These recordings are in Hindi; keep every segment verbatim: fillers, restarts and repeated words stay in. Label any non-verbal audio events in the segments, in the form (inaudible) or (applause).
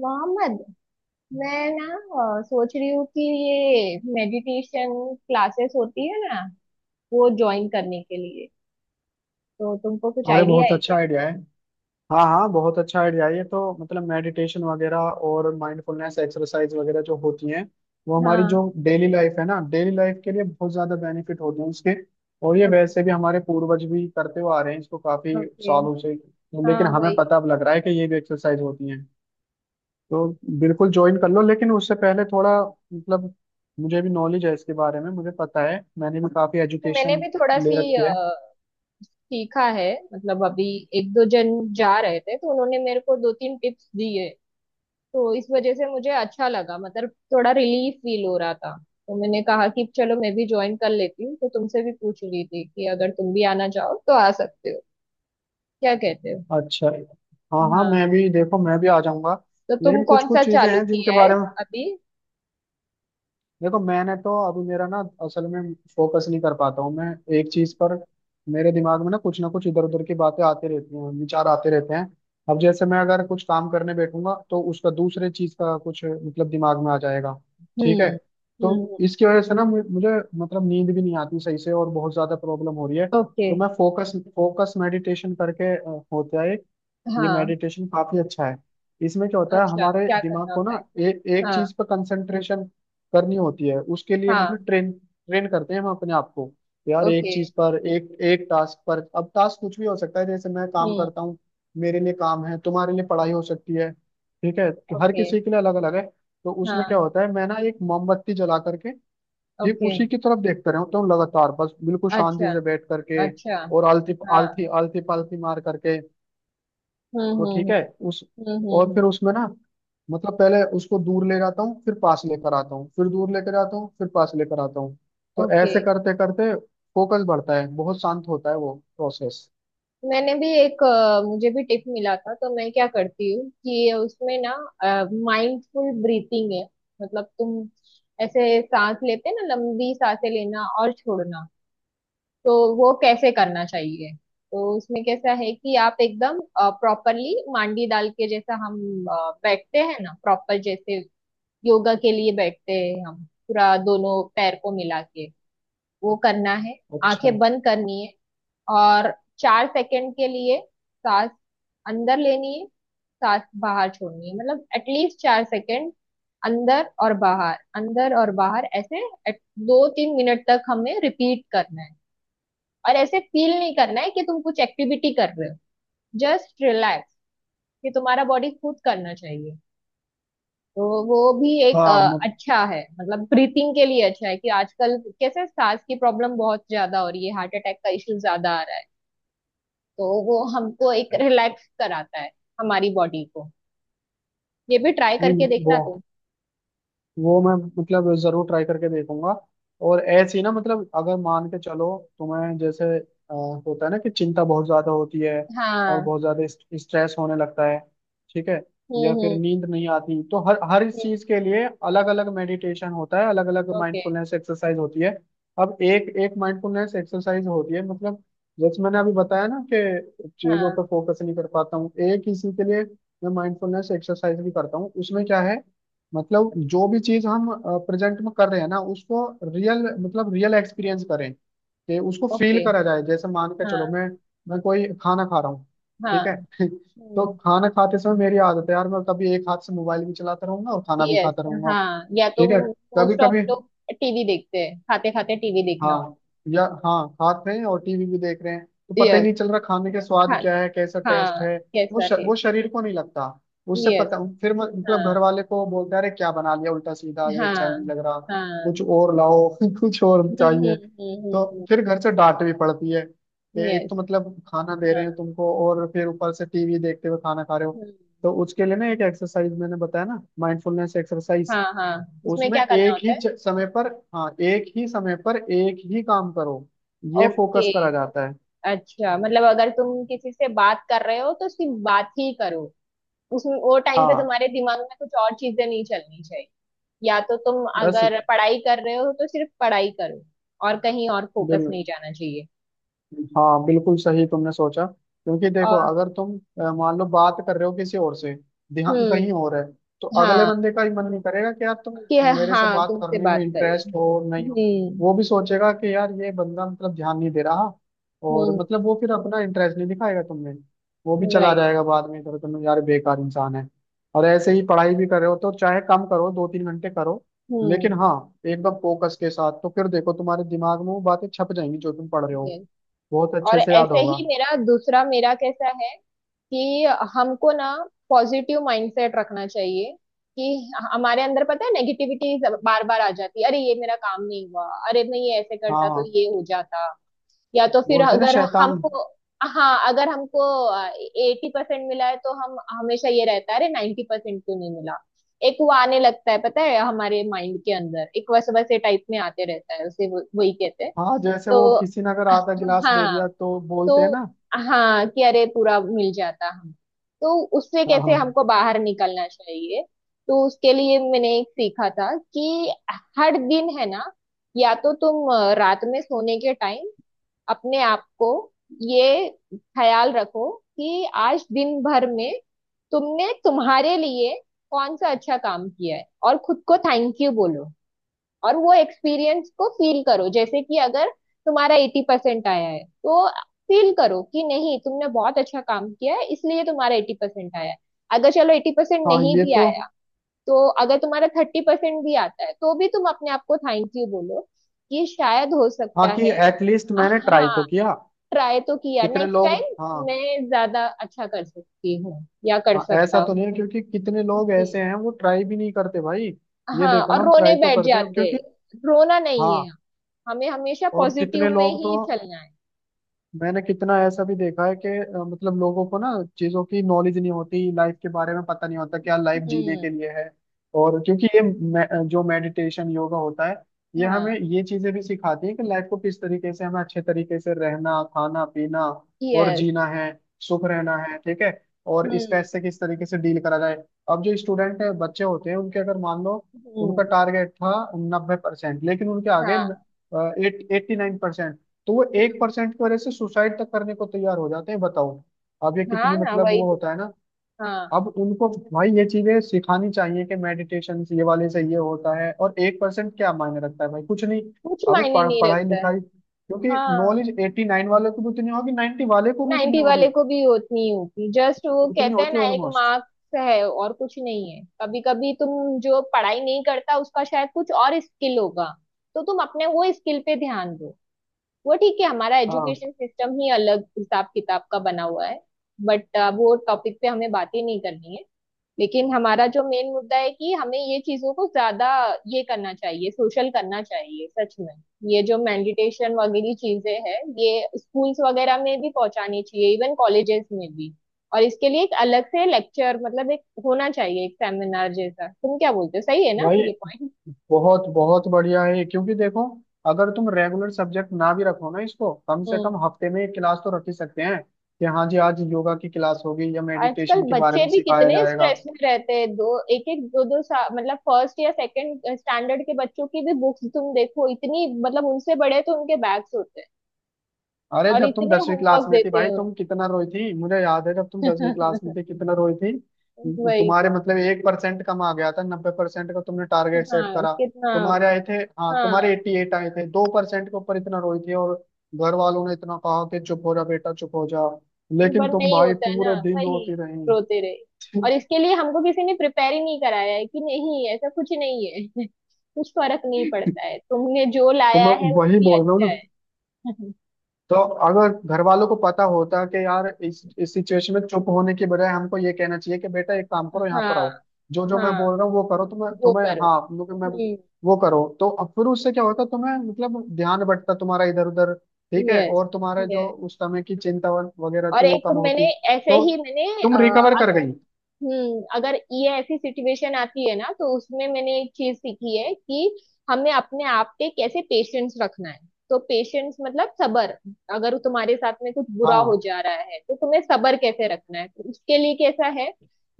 मोहम्मद, मैं ना अ, सोच रही हूँ कि ये मेडिटेशन क्लासेस होती है ना, वो ज्वाइन करने के लिए तो तुमको कुछ अरे आइडिया बहुत है अच्छा क्या। आइडिया है। हाँ हाँ, बहुत अच्छा आइडिया है। ये तो मतलब मेडिटेशन वगैरह और माइंडफुलनेस एक्सरसाइज वगैरह जो होती हैं, वो हमारी हाँ। जो डेली लाइफ है ना, डेली लाइफ के लिए बहुत ज्यादा बेनिफिट होते हैं इसके। और ये ओके। वैसे भी हमारे पूर्वज भी करते हुए आ रहे हैं इसको काफी ओके। सालों से। हाँ, लेकिन हमें वही पता अब लग रहा है कि ये भी एक्सरसाइज होती हैं। तो बिल्कुल ज्वाइन कर लो, लेकिन उससे पहले थोड़ा मतलब, मुझे भी नॉलेज है इसके बारे में, मुझे पता है, मैंने भी काफी तो। मैंने एजुकेशन भी थोड़ा ले सी रखी है। अ, सीखा है, मतलब अभी एक दो जन जा रहे थे तो उन्होंने मेरे को दो तीन टिप्स दिए, तो इस वजह से मुझे अच्छा लगा, मतलब थोड़ा रिलीफ फील हो रहा था। तो मैंने कहा कि चलो मैं भी ज्वाइन कर लेती हूँ, तो तुमसे भी पूछ रही थी कि अगर तुम भी आना चाहो तो आ सकते हो। क्या कहते हो। अच्छा। हाँ हाँ, हाँ। मैं भी, देखो मैं भी आ जाऊंगा। तो तुम लेकिन कुछ कौन सा कुछ चीजें चालू हैं जिनके किया है बारे में, अभी। देखो मैंने तो अभी, मेरा ना असल में फोकस नहीं कर पाता हूँ मैं एक चीज पर। मेरे दिमाग में ना कुछ ना कुछ इधर उधर की बातें आती रहती हैं, विचार आते रहते हैं। अब जैसे मैं अगर कुछ काम करने बैठूंगा तो उसका दूसरे चीज का कुछ मतलब दिमाग में आ जाएगा। ठीक है। हम्म। तो हम्म। इसकी वजह से ना मु- मुझे मतलब नींद भी नहीं आती सही से, और बहुत ज्यादा प्रॉब्लम हो रही है। ओके। तो मैं फोकस फोकस मेडिटेशन करके अ, होता है। ये हाँ। मेडिटेशन काफी अच्छा है। इसमें क्या होता है, अच्छा, हमारे क्या दिमाग करना को होता ना है। ए, एक हाँ। चीज पर कंसंट्रेशन करनी होती है। उसके लिए हाँ। मतलब ट्रेन ट्रेन करते हैं हम अपने आप को, यार, एक ओके। चीज पर, एक एक टास्क पर। अब टास्क कुछ भी हो सकता है, जैसे मैं काम हम्म। करता हूँ, मेरे लिए काम है, तुम्हारे लिए पढ़ाई हो सकती है। ठीक है कि हर ओके। किसी के लिए अलग अलग है। तो उसमें हाँ। क्या होता है, मैं ना एक मोमबत्ती जला करके ठीक ओके। उसी की तरफ देखता रहता हूँ लगातार, बस बिल्कुल शांति अच्छा। से बैठ करके अच्छा। और आलती हाँ। आलती आलती पालती मार करके। तो हम्म। हम्म। ठीक है हम्म। उस, हम्म। और हम्म। फिर हम्म। उसमें ना मतलब पहले उसको दूर ले जाता हूँ, फिर पास लेकर आता हूँ, फिर दूर लेकर आता हूँ, फिर पास लेकर आता हूँ। तो ओके। ऐसे करते करते फोकस बढ़ता है, बहुत शांत होता है वो प्रोसेस। मैंने भी एक अ, मुझे भी टिप मिला था, तो मैं क्या करती हूँ कि उसमें ना माइंडफुल ब्रीथिंग है। मतलब तुम ऐसे सांस लेते हैं ना, लंबी सांसें लेना और छोड़ना, तो वो कैसे करना चाहिए। तो उसमें कैसा है कि आप एकदम प्रॉपरली मांडी डाल के, जैसा हम अ, बैठते हैं ना प्रॉपर, जैसे योगा के लिए बैठते हैं, हम पूरा दोनों पैर को मिला के वो करना है। आंखें अच्छा। बंद करनी है और चार सेकंड के लिए सांस अंदर लेनी है, सांस बाहर छोड़नी है, मतलब एटलीस्ट चार सेकंड अंदर और बाहर, अंदर और बाहर, ऐसे at- दो तीन मिनट तक हमें रिपीट करना है। और ऐसे फील नहीं करना है कि तुम कुछ एक्टिविटी कर रहे हो, जस्ट रिलैक्स कि तुम्हारा बॉडी खुद करना चाहिए। तो वो भी एक हाँ अ, मत, अच्छा है, मतलब ब्रीथिंग के लिए अच्छा है कि आजकल कैसे सांस की प्रॉब्लम बहुत ज्यादा हो रही है, हार्ट अटैक का इश्यू ज्यादा आ रहा है, तो वो हमको एक रिलैक्स कराता है हमारी बॉडी को। ये भी ट्राई नहीं करके वो, देखना तुम। वो मैं मतलब जरूर ट्राई करके देखूंगा। और ऐसे ही ना, मतलब अगर मान के चलो तुम्हें जैसे अ, होता है ना कि चिंता बहुत ज्यादा होती है और हाँ। बहुत ज्यादा इस- स्ट्रेस होने लगता है। ठीक है। या फिर हम्म। नींद नहीं आती, तो हर हर इस हम्म। चीज के लिए अलग अलग मेडिटेशन होता है, अलग अलग ओके। माइंडफुलनेस एक्सरसाइज होती है। अब एक एक माइंडफुलनेस एक्सरसाइज होती है, मतलब जैसे मैंने अभी बताया ना कि चीजों हाँ। पर फोकस नहीं कर पाता हूँ, एक इसी के लिए मैं माइंडफुलनेस एक्सरसाइज भी करता हूँ। उसमें क्या है, मतलब जो भी चीज हम प्रेजेंट में कर रहे हैं ना उसको रियल मतलब रियल एक्सपीरियंस करें, कि उसको फील ओके। करा जाए। जैसे मान के चलो, हाँ। मैं मैं कोई खाना खा रहा हूँ। हाँ। ठीक है। (laughs) तो हम्म। खाना खाते समय मेरी आदत है यार, मैं कभी एक हाथ से मोबाइल भी चलाता रहूंगा और खाना भी यस। खाता रहूंगा। हाँ, या तो ठीक है, कभी मोस्ट ऑफ कभी। लोग टीवी देखते हैं, खाते खाते टीवी देखना होता हाँ, या हाँ, खाते हैं और टीवी भी देख रहे हैं तो है। पता ही यस। नहीं चल रहा खाने के स्वाद हाँ। क्या है, कैसा टेस्ट हाँ, है। वो कैसा श, वो टेस्ट। शरीर को नहीं लगता। उससे पता यस। फिर म- मतलब घर हाँ। वाले को बोलते हैं, अरे क्या बना लिया उल्टा सीधा, ये अच्छा नहीं हाँ। लग रहा, कुछ हाँ। और लाओ। (laughs) कुछ और हम्म। चाहिए। हम्म। तो हम्म। फिर घर से डांट भी पड़ती है कि हम्म। एक तो यस। मतलब खाना दे हाँ। रहे हैं तुमको और फिर ऊपर से टीवी देखते हुए खाना खा रहे हो। हम्म। तो उसके लिए ना एक एक्सरसाइज मैंने बताया ना, माइंडफुलनेस एक्सरसाइज। हाँ। हाँ, उसमें उसमें क्या करना एक होता ही है। च- समय पर, हाँ एक ही समय पर एक ही काम करो। ये ओके। फोकस करा जाता है। अच्छा, मतलब अगर तुम किसी से बात कर रहे हो तो सिर्फ बात ही करो, उसमें वो टाइम पे हाँ। तुम्हारे दिमाग में कुछ और चीजें नहीं चलनी चाहिए। या तो तुम बस। अगर पढ़ाई कर रहे हो तो सिर्फ पढ़ाई करो, और कहीं और फोकस बिल्कुल। नहीं जाना चाहिए। हाँ बिल्कुल सही तुमने सोचा, क्योंकि देखो और अगर तुम अ, मान लो बात कर रहे हो किसी और से, ध्यान कहीं हम्म। और है, तो अगले हाँ बंदे का ही मन नहीं करेगा कि यार तुम कि, मेरे से हाँ बात तुमसे करने में बात करें। इंटरेस्ट हो नहीं हो। हम्म। वो भी सोचेगा कि यार ये बंदा मतलब ध्यान नहीं दे रहा, और हम्म। मतलब वो फिर अपना इंटरेस्ट नहीं दिखाएगा तुम्हें, वो भी चला राइट। जाएगा बाद में इधर, तुम यार बेकार इंसान है। और ऐसे ही पढ़ाई भी कर रहे हो तो चाहे कम करो, दो तीन घंटे करो, लेकिन हम्म। हाँ एकदम फोकस के साथ। तो फिर देखो तुम्हारे दिमाग में वो बातें छप जाएंगी जो तुम पढ़ रहे हो, yes। बहुत और अच्छे से याद ऐसे होगा। ही मेरा दूसरा, मेरा कैसा है कि हमको ना पॉजिटिव माइंडसेट रखना चाहिए। कि हमारे अंदर पता है नेगेटिविटी बार बार आ जाती है, अरे ये मेरा काम नहीं हुआ, अरे मैं ये ऐसे करता तो हाँ, ये हो जाता। या तो फिर बोलते हैं ना, अगर शैतान। हमको, हाँ अगर हमको एटी परसेंट मिला है, तो हम हमेशा ये रहता है अरे नाइन्टी परसेंट क्यों नहीं मिला। एक वो आने लगता है, पता है हमारे माइंड के अंदर एक वैसे वैसे टाइप में आते रहता है, उसे वो- वही कहते हैं। हाँ जैसे तो वो किसी ने अगर आधा गिलास दे हाँ, दिया तो बोलते हैं तो ना। हाँ कि अरे पूरा मिल जाता हम। तो उससे हाँ कैसे हाँ। हमको बाहर निकलना चाहिए, तो उसके लिए मैंने एक सीखा था कि हर दिन है ना, या तो तुम अ, रात में सोने के टाइम अपने आप को ये ख्याल रखो कि आज दिन भर में तुमने तुम्हारे लिए कौन सा अच्छा काम किया है और खुद को थैंक यू बोलो। और वो एक्सपीरियंस को फील करो, जैसे कि अगर तुम्हारा एटी परसेंट आया है तो फील करो कि नहीं, तुमने बहुत अच्छा काम किया है इसलिए तुम्हारा एटी परसेंट आया है। अगर चलो एटी परसेंट हाँ नहीं ये भी तो, आया, तो अगर तुम्हारा थर्टी परसेंट भी आता है, तो भी तुम अपने आप को थैंक यू बोलो कि शायद हो हाँ, सकता कि है। एटलीस्ट मैंने ट्राई हाँ, तो किया। ट्राई तो किया, कितने नेक्स्ट लोग। हाँ, टाइम मैं ज्यादा अच्छा कर सकती हूँ या कर हाँ सकता ऐसा तो हूँ। नहीं है क्योंकि कितने लोग ऐसे जी। हैं वो ट्राई भी नहीं करते भाई। ये हाँ, देखो ना, और हम रोने ट्राई तो बैठ करते हैं जाते क्योंकि, हैं। रोना नहीं हाँ। है, हमें हमेशा और पॉजिटिव कितने में लोग तो, ही चलना है। मैंने कितना ऐसा भी देखा है कि अ, मतलब लोगों को ना चीजों की नॉलेज नहीं होती, लाइफ के बारे में पता नहीं होता क्या लाइफ जीने हम्म। के लिए है। और क्योंकि ये मे, जो मेडिटेशन योगा होता है, ये हाँ। हमें ये चीजें भी सिखाती है कि लाइफ को किस तरीके से, हमें अच्छे तरीके से रहना, खाना पीना और यस। जीना है, सुख रहना है। ठीक है। और स्ट्रेस से हम्म। किस तरीके से डील करा जाए। अब जो स्टूडेंट है, बच्चे होते हैं उनके, अगर मान लो उनका हम्म। टारगेट था नब्बे परसेंट, लेकिन उनके आगे हाँ। Eighty nine percent. तो वो एक हम्म। परसेंट की वजह से सुसाइड तक करने को तैयार हो जाते हैं, बताओ। अब ये हाँ कितनी ना, मतलब, वही वो तो। होता है ना। हाँ, अब उनको भाई ये चीजें सिखानी चाहिए कि मेडिटेशन ये वाले से ये होता है, और एक परसेंट क्या मायने रखता है भाई, कुछ नहीं। कुछ अब मायने पढ़, नहीं पढ़ाई रखता है। लिखाई क्योंकि हाँ, नॉलेज एट्टी नाइन वाले को भी उतनी होगी, नाइन्टी वाले को भी उतनी नाइन्टी वाले होगी, को भी उतनी ही होती, जस्ट वो उतनी कहते हैं होती है ना एक ऑलमोस्ट। मार्क्स है और कुछ नहीं है। कभी कभी तुम जो पढ़ाई नहीं करता उसका शायद कुछ और स्किल होगा, तो तुम अपने वो स्किल पे ध्यान दो। वो ठीक है, हमारा हाँ एजुकेशन सिस्टम ही अलग हिसाब किताब का बना हुआ है। बट वो टॉपिक पे हमें बात ही नहीं करनी है। लेकिन हमारा जो मेन मुद्दा है कि हमें ये चीजों को ज्यादा ये करना चाहिए, सोशल करना चाहिए सच में। ये जो मेडिटेशन वगैरह चीजें हैं ये स्कूल्स वगैरह में भी पहुंचानी चाहिए, इवन कॉलेजेस में भी। और इसके लिए एक अलग से लेक्चर, मतलब एक होना चाहिए एक सेमिनार जैसा, तुम क्या बोलते हो, सही है ना भाई, ये पॉइंट। बहुत बहुत बढ़िया है ये, क्योंकि देखो अगर तुम रेगुलर सब्जेक्ट ना भी रखो ना इसको, कम से हम्म। कम हफ्ते में एक क्लास तो रख ही सकते हैं कि हाँ जी आज योगा की क्लास होगी या आजकल मेडिटेशन के बारे बच्चे में भी सिखाया कितने जाएगा। स्ट्रेस में रहते हैं, दो एक एक दो दो सा, मतलब फर्स्ट या सेकंड स्टैंडर्ड के बच्चों की भी बुक्स तुम देखो इतनी, मतलब उनसे बड़े तो उनके बैग्स होते हैं अरे और जब तुम इतने दसवीं क्लास होमवर्क में थी देते भाई, हैं। तुम कितना रोई थी, मुझे याद है, जब तुम दसवीं (laughs) क्लास में वो। थी कितना रोई थी। वही तुम्हारे तो। मतलब एक परसेंट कम आ गया था, नब्बे परसेंट का तुमने टारगेट सेट हाँ करा, कितना। तुम्हारे आए थे, हाँ तुम्हारे हाँ, एट्टी एट आए थे, दो परसेंट के ऊपर इतना रोई थी। और घर वालों ने इतना कहा कि चुप हो जा बेटा, चुप हो जा, लेकिन पर तुम नहीं भाई होता है ना पूरे दिन वही, रोती रही। रोते रहे। (laughs) और इसके लिए हमको किसी ने प्रिपेयर ही नहीं कराया है कि नहीं ऐसा कुछ नहीं है। (laughs) कुछ फर्क नहीं पड़ता है, तुमने जो तो लाया मैं है वो वही भी बोल रहा हूँ ना। अच्छा है। (laughs) तो अगर घर वालों को पता होता कि यार इस इस सिचुएशन में चुप होने की बजाय हमको ये कहना चाहिए कि बेटा एक काम करो, यहाँ हाँ। पर आओ, जो जो मैं हाँ, बोल रहा हूँ वो करो। तुम्हें वो तुम्हें करो। हाँ मतलब, मैं हम्म। वो करो, तो अब फिर उससे क्या होता, तुम्हें मतलब ध्यान बंटता तुम्हारा इधर उधर। ठीक है, यस। और तुम्हारा जो यस। उस समय की चिंता व- वगैरह और थी वो एक कम मैंने, होती, ऐसे तो ही मैंने तुम अ, रिकवर कर अगर गई। हम्म, अगर ये ऐसी सिचुएशन आती है ना तो उसमें मैंने एक चीज सीखी है कि हमें अपने आप पे कैसे पेशेंस रखना है। तो पेशेंस मतलब सबर। अगर तुम्हारे साथ में कुछ बुरा हो हाँ। जा रहा है तो तुम्हें सबर कैसे रखना है, तो उसके लिए कैसा है,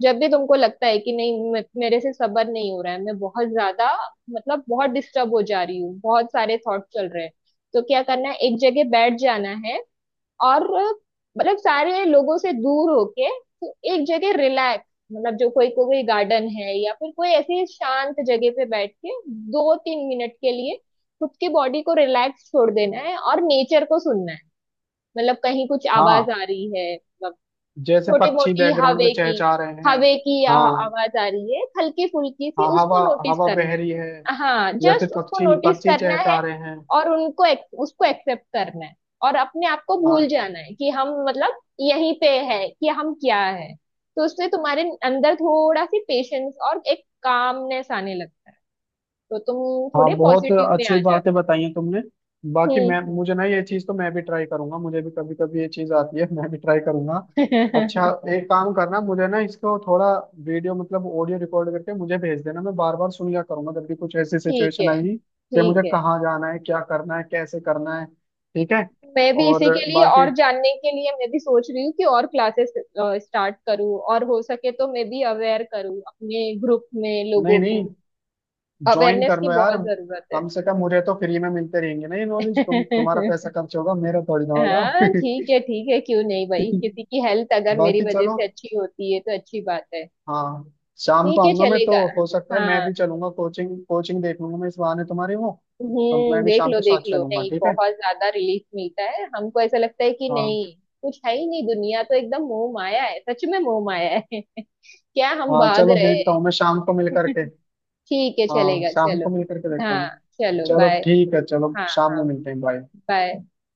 जब भी तुमको लगता है कि नहीं मे- मेरे से सबर नहीं हो रहा है, मैं बहुत ज्यादा मतलब बहुत डिस्टर्ब हो जा रही हूँ, बहुत सारे थॉट चल रहे हैं, तो क्या करना है एक जगह बैठ जाना है। और मतलब सारे लोगों से दूर होके तो एक जगह रिलैक्स, मतलब जो कोई कोई गार्डन है या फिर कोई ऐसी शांत जगह पे बैठ के दो तीन मिनट के लिए खुद की बॉडी को रिलैक्स छोड़ देना है और नेचर को सुनना है। मतलब कहीं कुछ आवाज हाँ आ रही है मतलब जैसे छोटी पक्षी मोटी बैकग्राउंड में हवे की, चहचहा रहे हैं। हवे की आ- हाँ, आवाज आ रही है हल्की फुल्की सी, हाँ, उसको हवा, नोटिस हवा करना बह रही है, है। हाँ, या फिर जस्ट उसको पक्षी नोटिस पक्षी करना है। चहचहा रहे हैं। और उनको एक, उसको एक्सेप्ट करना है। और अपने आप को हाँ, भूल जाना है कि हम मतलब यहीं पे है कि हम क्या है, तो उससे तुम्हारे अंदर थोड़ा सी पेशेंस और एक कामनेस आने लगता है, तो तुम हाँ थोड़े बहुत पॉजिटिव में आ अच्छी बातें जाते बताई हैं तुमने। हो। बाकी मैं, हम्म। मुझे ना ये चीज़ तो मैं भी ट्राई करूंगा, मुझे भी कभी कभी ये चीज़ आती है, मैं भी ट्राई करूंगा। अच्छा, हम्म। एक काम करना, मुझे ना इसको थोड़ा वीडियो मतलब ऑडियो रिकॉर्ड करके मुझे भेज देना, मैं बार बार सुन लिया करूंगा जब भी कुछ ऐसी (laughs) ठीक सिचुएशन है आएगी, कि ठीक मुझे है। कहाँ जाना है, क्या करना है, कैसे करना है। ठीक है। मैं भी इसी और के लिए बाकी, और जानने के लिए मैं भी सोच रही हूँ कि और क्लासेस स्टार्ट करूँ, और हो सके तो मैं भी अवेयर करूँ अपने ग्रुप में लोगों नहीं नहीं, को, ज्वाइन अवेयरनेस कर की लो यार, बहुत जरूरत है। कम से कम मुझे तो फ्री में मिलते रहेंगे ना ये नॉलेज, तुम, तुम्हारा पैसा (laughs) खर्च होगा, मेरा थोड़ी ना होगा। हाँ ठीक है ठीक है, क्यों नहीं भाई, किसी (laughs) की हेल्थ अगर मेरी बाकी वजह चलो, से अच्छी होती है तो अच्छी बात है। हाँ, शाम को ठीक है आऊंगा मैं चलेगा। तो, हो सकता है मैं हाँ। भी चलूंगा, कोचिंग कोचिंग देख लूंगा मैं, इस बहाने तुम्हारी वो। तो हम्म, मैं भी देख शाम लो को साथ देख लो, चलूंगा, नहीं ठीक है। बहुत ज्यादा रिलीफ मिलता है हमको, ऐसा लगता है कि हाँ। नहीं कुछ है ही नहीं, दुनिया तो एकदम मोह माया है, सच में मोह माया है। (laughs) क्या हम हाँ भाग चलो, रहे देखता हूँ हैं। मैं शाम को मिल करके। ठीक है हाँ चलेगा शाम चलो। को मिल करके देखता हाँ, हूँ। चलो चलो बाय। ठीक है, चलो हाँ शाम में हाँ, मिलते हैं, बाय। बाय।